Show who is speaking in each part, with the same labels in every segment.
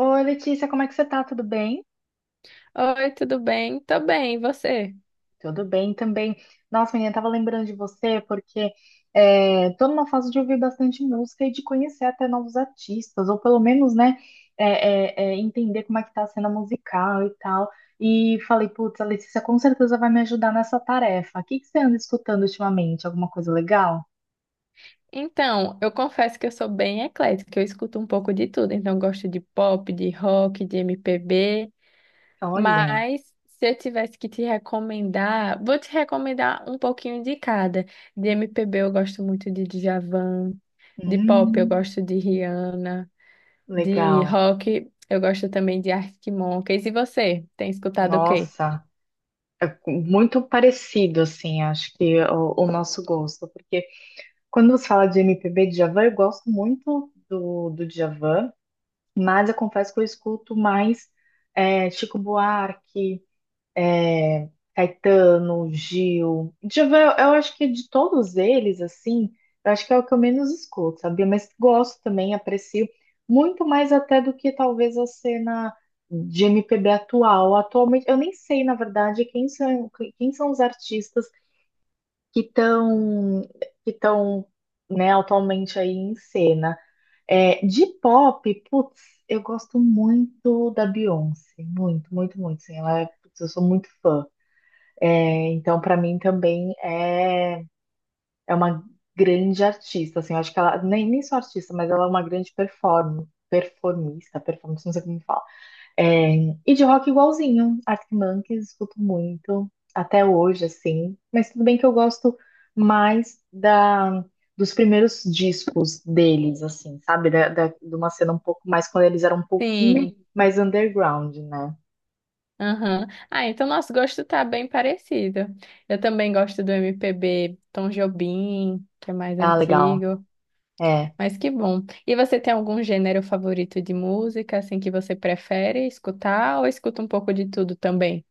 Speaker 1: Oi, Letícia, como é que você tá? Tudo bem?
Speaker 2: Oi, tudo bem? Tô bem, e você?
Speaker 1: Tudo bem também. Nossa, menina, tava lembrando de você porque tô numa fase de ouvir bastante música e de conhecer até novos artistas, ou pelo menos, né, entender como é que tá a cena musical e tal. E falei, putz, a Letícia com certeza vai me ajudar nessa tarefa. O que que você anda escutando ultimamente? Alguma coisa legal?
Speaker 2: Então, eu confesso que eu sou bem eclética, eu escuto um pouco de tudo, então eu gosto de pop, de rock, de MPB,
Speaker 1: Olha,
Speaker 2: mas se eu tivesse que te recomendar, vou te recomendar um pouquinho de cada. De MPB eu gosto muito de Djavan, de pop eu
Speaker 1: hum,
Speaker 2: gosto de Rihanna, de
Speaker 1: legal.
Speaker 2: rock eu gosto também de Arctic Monkeys. E você, tem escutado o quê?
Speaker 1: Nossa, é muito parecido, assim, acho que o nosso gosto, porque quando você fala de MPB, Djavan, eu gosto muito do Djavan, mas eu confesso que eu escuto mais Chico Buarque, é, Caetano, Gil. Djavan, eu acho que de todos eles, assim, eu acho que é o que eu menos escuto, sabia? Mas gosto também, aprecio muito mais até do que talvez a cena de MPB atual. Atualmente, eu nem sei, na verdade, quem são os artistas que estão que estão né, atualmente aí em cena. De pop, putz, eu gosto muito da Beyoncé, muito, muito, muito, sim, ela é, putz, eu sou muito fã. Então, para mim também é uma grande artista, assim, eu acho que ela nem só artista, mas ela é uma grande performance, não sei como fala. É, e de rock igualzinho, Arctic Monkeys, escuto muito, até hoje, assim. Mas tudo bem que eu gosto mais dos primeiros discos deles, assim, sabe? De uma cena um pouco mais, quando eles eram um pouquinho
Speaker 2: Sim.
Speaker 1: mais underground, né?
Speaker 2: Aham. Ah, então nosso gosto tá bem parecido. Eu também gosto do MPB Tom Jobim, que é mais
Speaker 1: Ah, legal.
Speaker 2: antigo,
Speaker 1: É.
Speaker 2: mas que bom. E você tem algum gênero favorito de música, assim, que você prefere escutar ou escuta um pouco de tudo também?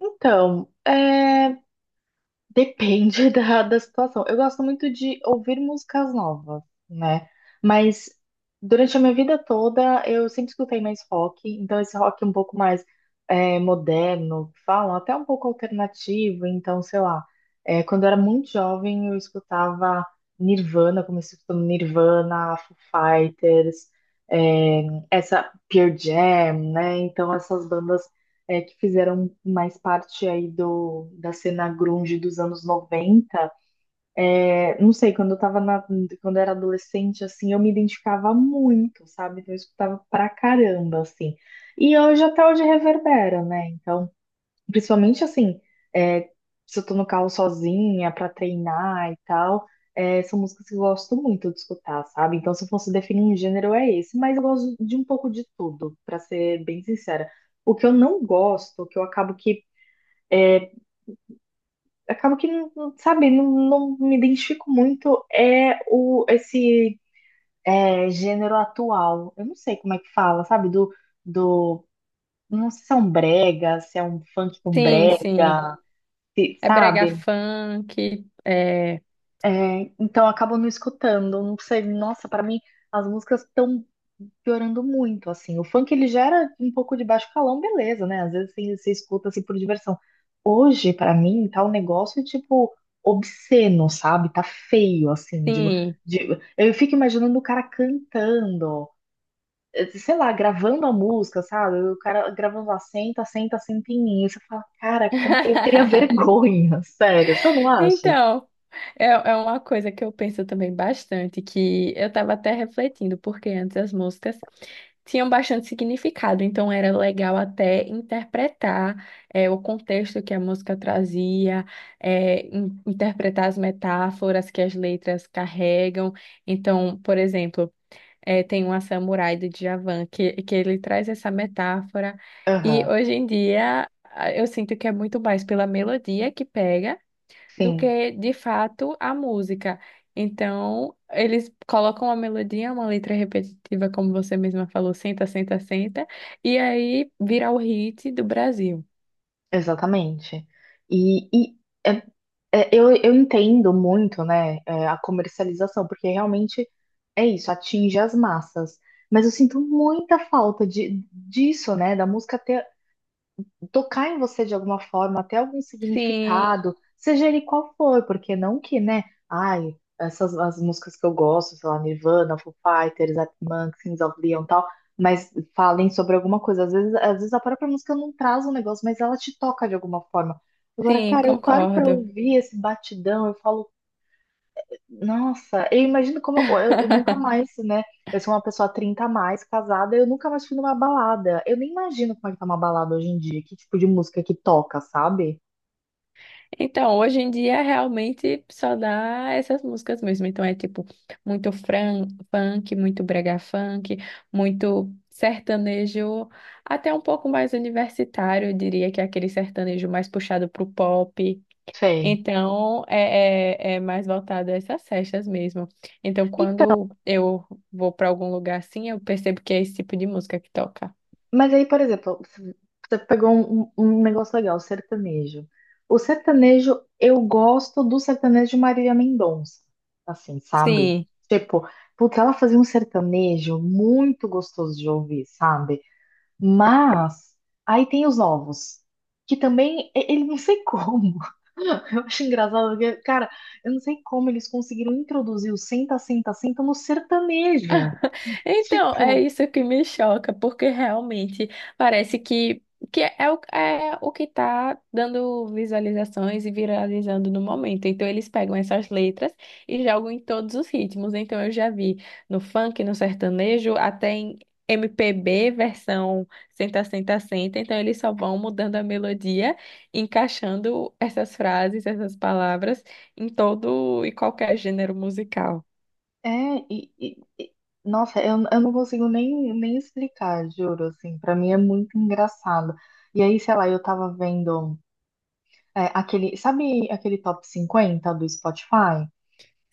Speaker 1: Então, depende da situação. Eu gosto muito de ouvir músicas novas, né? Mas durante a minha vida toda eu sempre escutei mais rock, então esse rock um pouco mais moderno, que falam, até um pouco alternativo. Então, sei lá, quando eu era muito jovem eu escutava Nirvana, comecei escutando Nirvana, Foo Fighters, é, essa Pearl Jam, né? Então essas bandas que fizeram mais parte aí do, da cena grunge dos anos 90, não sei, quando eu era adolescente, assim, eu me identificava muito, sabe? Então eu escutava pra caramba, assim. E hoje até hoje reverbera, né? Então principalmente assim, é, se eu tô no carro sozinha pra treinar e tal, são músicas que eu gosto muito de escutar, sabe? Então, se eu fosse definir um gênero, é esse, mas eu gosto de um pouco de tudo, pra ser bem sincera. O que eu não gosto, o que eu sabe, não me identifico muito é esse gênero atual. Eu não sei como é que fala, sabe? Do, não sei se é um brega, se é um funk com
Speaker 2: Sim,
Speaker 1: brega,
Speaker 2: sim. É brega
Speaker 1: sabe?
Speaker 2: funk, é...
Speaker 1: É, então acabam não escutando. Não sei, nossa, pra mim as músicas estão piorando muito, assim. O funk ele gera um pouco de baixo calão, beleza, né? Às vezes assim, você escuta assim por diversão. Hoje, pra mim, tá um negócio tipo obsceno, sabe? Tá feio, assim.
Speaker 2: Sim.
Speaker 1: De- eu fico imaginando o cara cantando, sei lá, gravando a música, sabe? O cara gravando lá, senta, senta, senta em mim. E você fala, cara, como... eu teria vergonha, sério, você não acha?
Speaker 2: Então, é, é uma coisa que eu penso também bastante, que eu estava até refletindo, porque antes as músicas tinham bastante significado, então era legal até interpretar o contexto que a música trazia, interpretar as metáforas que as letras carregam. Então, por exemplo, é, tem uma Samurai do Djavan, que ele traz essa metáfora, e
Speaker 1: Aham,
Speaker 2: hoje em dia eu sinto que é muito mais pela melodia que pega do
Speaker 1: sim.
Speaker 2: que de fato a música. Então, eles colocam uma melodia, uma letra repetitiva, como você mesma falou, senta, senta, senta, e aí vira o hit do Brasil.
Speaker 1: Exatamente. E é, eu entendo muito, né, a comercialização, porque realmente é isso, atinge as massas. Mas eu sinto muita falta disso, né, da música ter tocar em você de alguma forma, até algum
Speaker 2: Sim,
Speaker 1: significado, seja ele qual for, porque não que, né? Ai, essas as músicas que eu gosto, sei lá, Nirvana, Foo Fighters, Arctic Monkeys, Kings of Leon, e tal, mas falem sobre alguma coisa. Às vezes a própria música não traz um negócio, mas ela te toca de alguma forma. Agora,
Speaker 2: sim,
Speaker 1: cara, eu paro pra
Speaker 2: concordo.
Speaker 1: ouvir esse batidão, eu falo, nossa, eu imagino como eu nunca mais, né? Eu sou uma pessoa 30 a mais, casada, eu nunca mais fui numa balada. Eu nem imagino como é que tá uma balada hoje em dia, que tipo de música que toca, sabe?
Speaker 2: Então, hoje em dia realmente só dá essas músicas mesmo. Então é tipo muito fran funk, muito brega funk, muito sertanejo, até um pouco mais universitário, eu diria que é aquele sertanejo mais puxado pro pop.
Speaker 1: Sei.
Speaker 2: Então, é mais voltado a essas festas mesmo. Então,
Speaker 1: Então,
Speaker 2: quando eu vou para algum lugar assim, eu percebo que é esse tipo de música que toca.
Speaker 1: mas aí, por exemplo, você pegou um negócio legal, sertanejo. O sertanejo, eu gosto do sertanejo de Marília Mendonça, assim, sabe?
Speaker 2: Sim.
Speaker 1: Tipo, porque ela fazia um sertanejo muito gostoso de ouvir, sabe? Mas aí tem os ovos, que também ele não sei como. Eu acho engraçado, porque, cara, eu não sei como eles conseguiram introduzir o senta, senta, senta no sertanejo.
Speaker 2: Então, é
Speaker 1: Tipo,
Speaker 2: isso que me choca, porque realmente parece que é, o, é o que está dando visualizações e viralizando no momento. Então, eles pegam essas letras e jogam em todos os ritmos. Então, eu já vi no funk, no sertanejo, até em MPB, versão senta, senta, senta. Então, eles só vão mudando a melodia, encaixando essas frases, essas palavras em todo e qualquer gênero musical.
Speaker 1: é, e, e- e- nossa, eu não consigo nem explicar, juro, assim, pra mim é muito engraçado. E aí, sei lá, eu tava vendo aquele, sabe aquele top 50 do Spotify?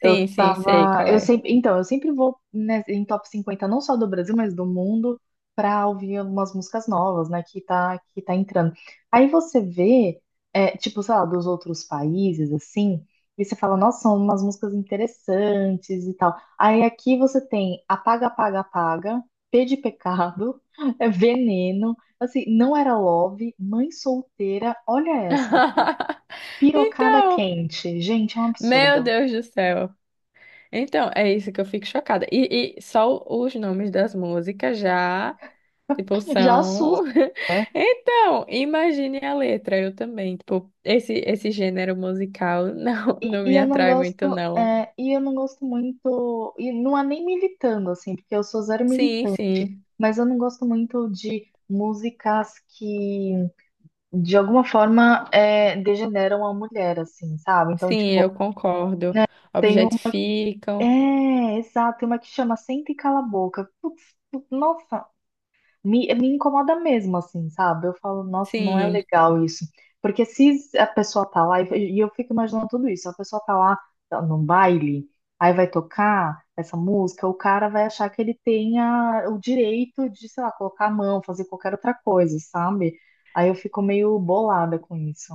Speaker 1: Eu
Speaker 2: Sim, sim, sei
Speaker 1: tava.
Speaker 2: qual
Speaker 1: Eu
Speaker 2: é.
Speaker 1: sempre, então, eu sempre vou né, em top 50, não só do Brasil, mas do mundo, pra ouvir algumas músicas novas, né? Que tá entrando. Aí você vê, tipo, sei lá, dos outros países, assim, e você fala, nossa, são umas músicas interessantes e tal. Aí aqui você tem Apaga, Apaga, Apaga, P de Pecado, é Veneno, assim, Não Era Love, Mãe Solteira, olha essa daqui. Pirocada
Speaker 2: Então,
Speaker 1: quente. Gente, é um
Speaker 2: meu
Speaker 1: absurdo.
Speaker 2: Deus do céu. Então, é isso que eu fico chocada. E só os nomes das músicas já, tipo,
Speaker 1: Já assusta.
Speaker 2: são.
Speaker 1: Né?
Speaker 2: Então, imagine a letra, eu também. Tipo, esse gênero musical não,
Speaker 1: E,
Speaker 2: não
Speaker 1: e
Speaker 2: me
Speaker 1: eu não
Speaker 2: atrai
Speaker 1: gosto,
Speaker 2: muito, não.
Speaker 1: e eu não gosto muito, e não é nem militando, assim, porque eu sou zero
Speaker 2: Sim,
Speaker 1: militante,
Speaker 2: sim.
Speaker 1: mas eu não gosto muito de músicas que, de alguma forma, degeneram a mulher, assim, sabe? Então,
Speaker 2: Sim,
Speaker 1: tipo,
Speaker 2: eu concordo.
Speaker 1: né, tem um.
Speaker 2: Objetificam.
Speaker 1: É, exato, tem uma que chama Senta e Cala a Boca. Putz, nossa. Me incomoda mesmo, assim, sabe? Eu falo, nossa, não é
Speaker 2: Sim.
Speaker 1: legal isso. Porque se a pessoa tá lá, e eu fico imaginando tudo isso, a pessoa tá lá tá num baile, aí vai tocar essa música, o cara vai achar que ele tenha o direito de, sei lá, colocar a mão, fazer qualquer outra coisa, sabe? Aí eu fico meio bolada com isso.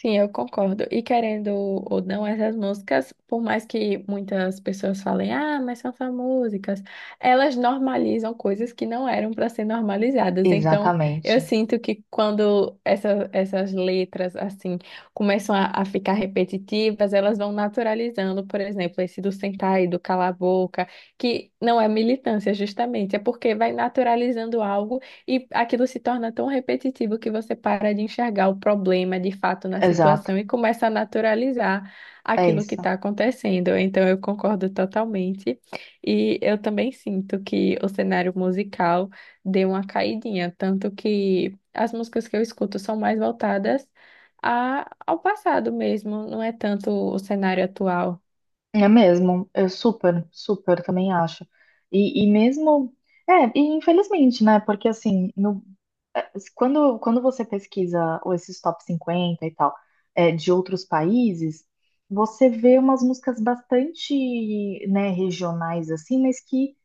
Speaker 2: Sim, eu concordo. E querendo ou não, essas músicas, por mais que muitas pessoas falem, ah, mas são só músicas, elas normalizam coisas que não eram para ser normalizadas. Então,
Speaker 1: Exatamente,
Speaker 2: eu sinto que quando essas letras, assim, começam a ficar repetitivas, elas vão naturalizando, por exemplo, esse do sentar e do calar a boca, que não é militância, justamente, é porque vai naturalizando algo. E aquilo se torna tão repetitivo que você para de enxergar o problema de fato na
Speaker 1: exato,
Speaker 2: situação e começa a naturalizar
Speaker 1: é
Speaker 2: aquilo que
Speaker 1: isso.
Speaker 2: está acontecendo. Então, eu concordo totalmente. E eu também sinto que o cenário musical deu uma caidinha, tanto que as músicas que eu escuto são mais voltadas ao passado mesmo, não é tanto o cenário atual.
Speaker 1: É mesmo, eu super, super também acho. E mesmo, e infelizmente, né? Porque assim, no Assim, quando você pesquisa esses top 50 e tal, de outros países, você vê umas músicas bastante, né, regionais, assim, mas que,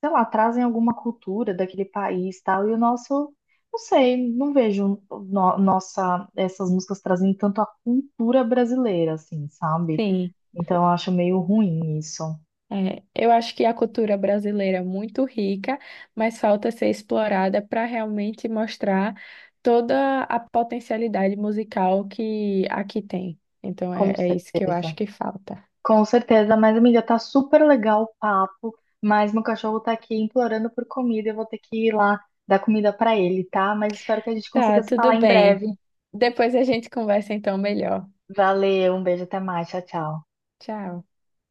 Speaker 1: sei lá, trazem alguma cultura daquele país tal. E o nosso, não sei, não vejo nossa, essas músicas trazendo tanto a cultura brasileira, assim, sabe?
Speaker 2: Sim.
Speaker 1: Então eu acho meio ruim isso,
Speaker 2: É, eu acho que a cultura brasileira é muito rica, mas falta ser explorada para realmente mostrar toda a potencialidade musical que aqui tem. Então
Speaker 1: com
Speaker 2: é isso que eu acho
Speaker 1: certeza.
Speaker 2: que falta.
Speaker 1: Com certeza, mas amiga, tá super legal o papo, mas meu cachorro tá aqui implorando por comida, eu vou ter que ir lá dar comida pra ele, tá? Mas espero que a gente
Speaker 2: Tá,
Speaker 1: consiga se
Speaker 2: tudo
Speaker 1: falar em
Speaker 2: bem.
Speaker 1: breve.
Speaker 2: Depois a gente conversa então melhor.
Speaker 1: Valeu, um beijo, até mais, tchau, tchau.
Speaker 2: Tchau.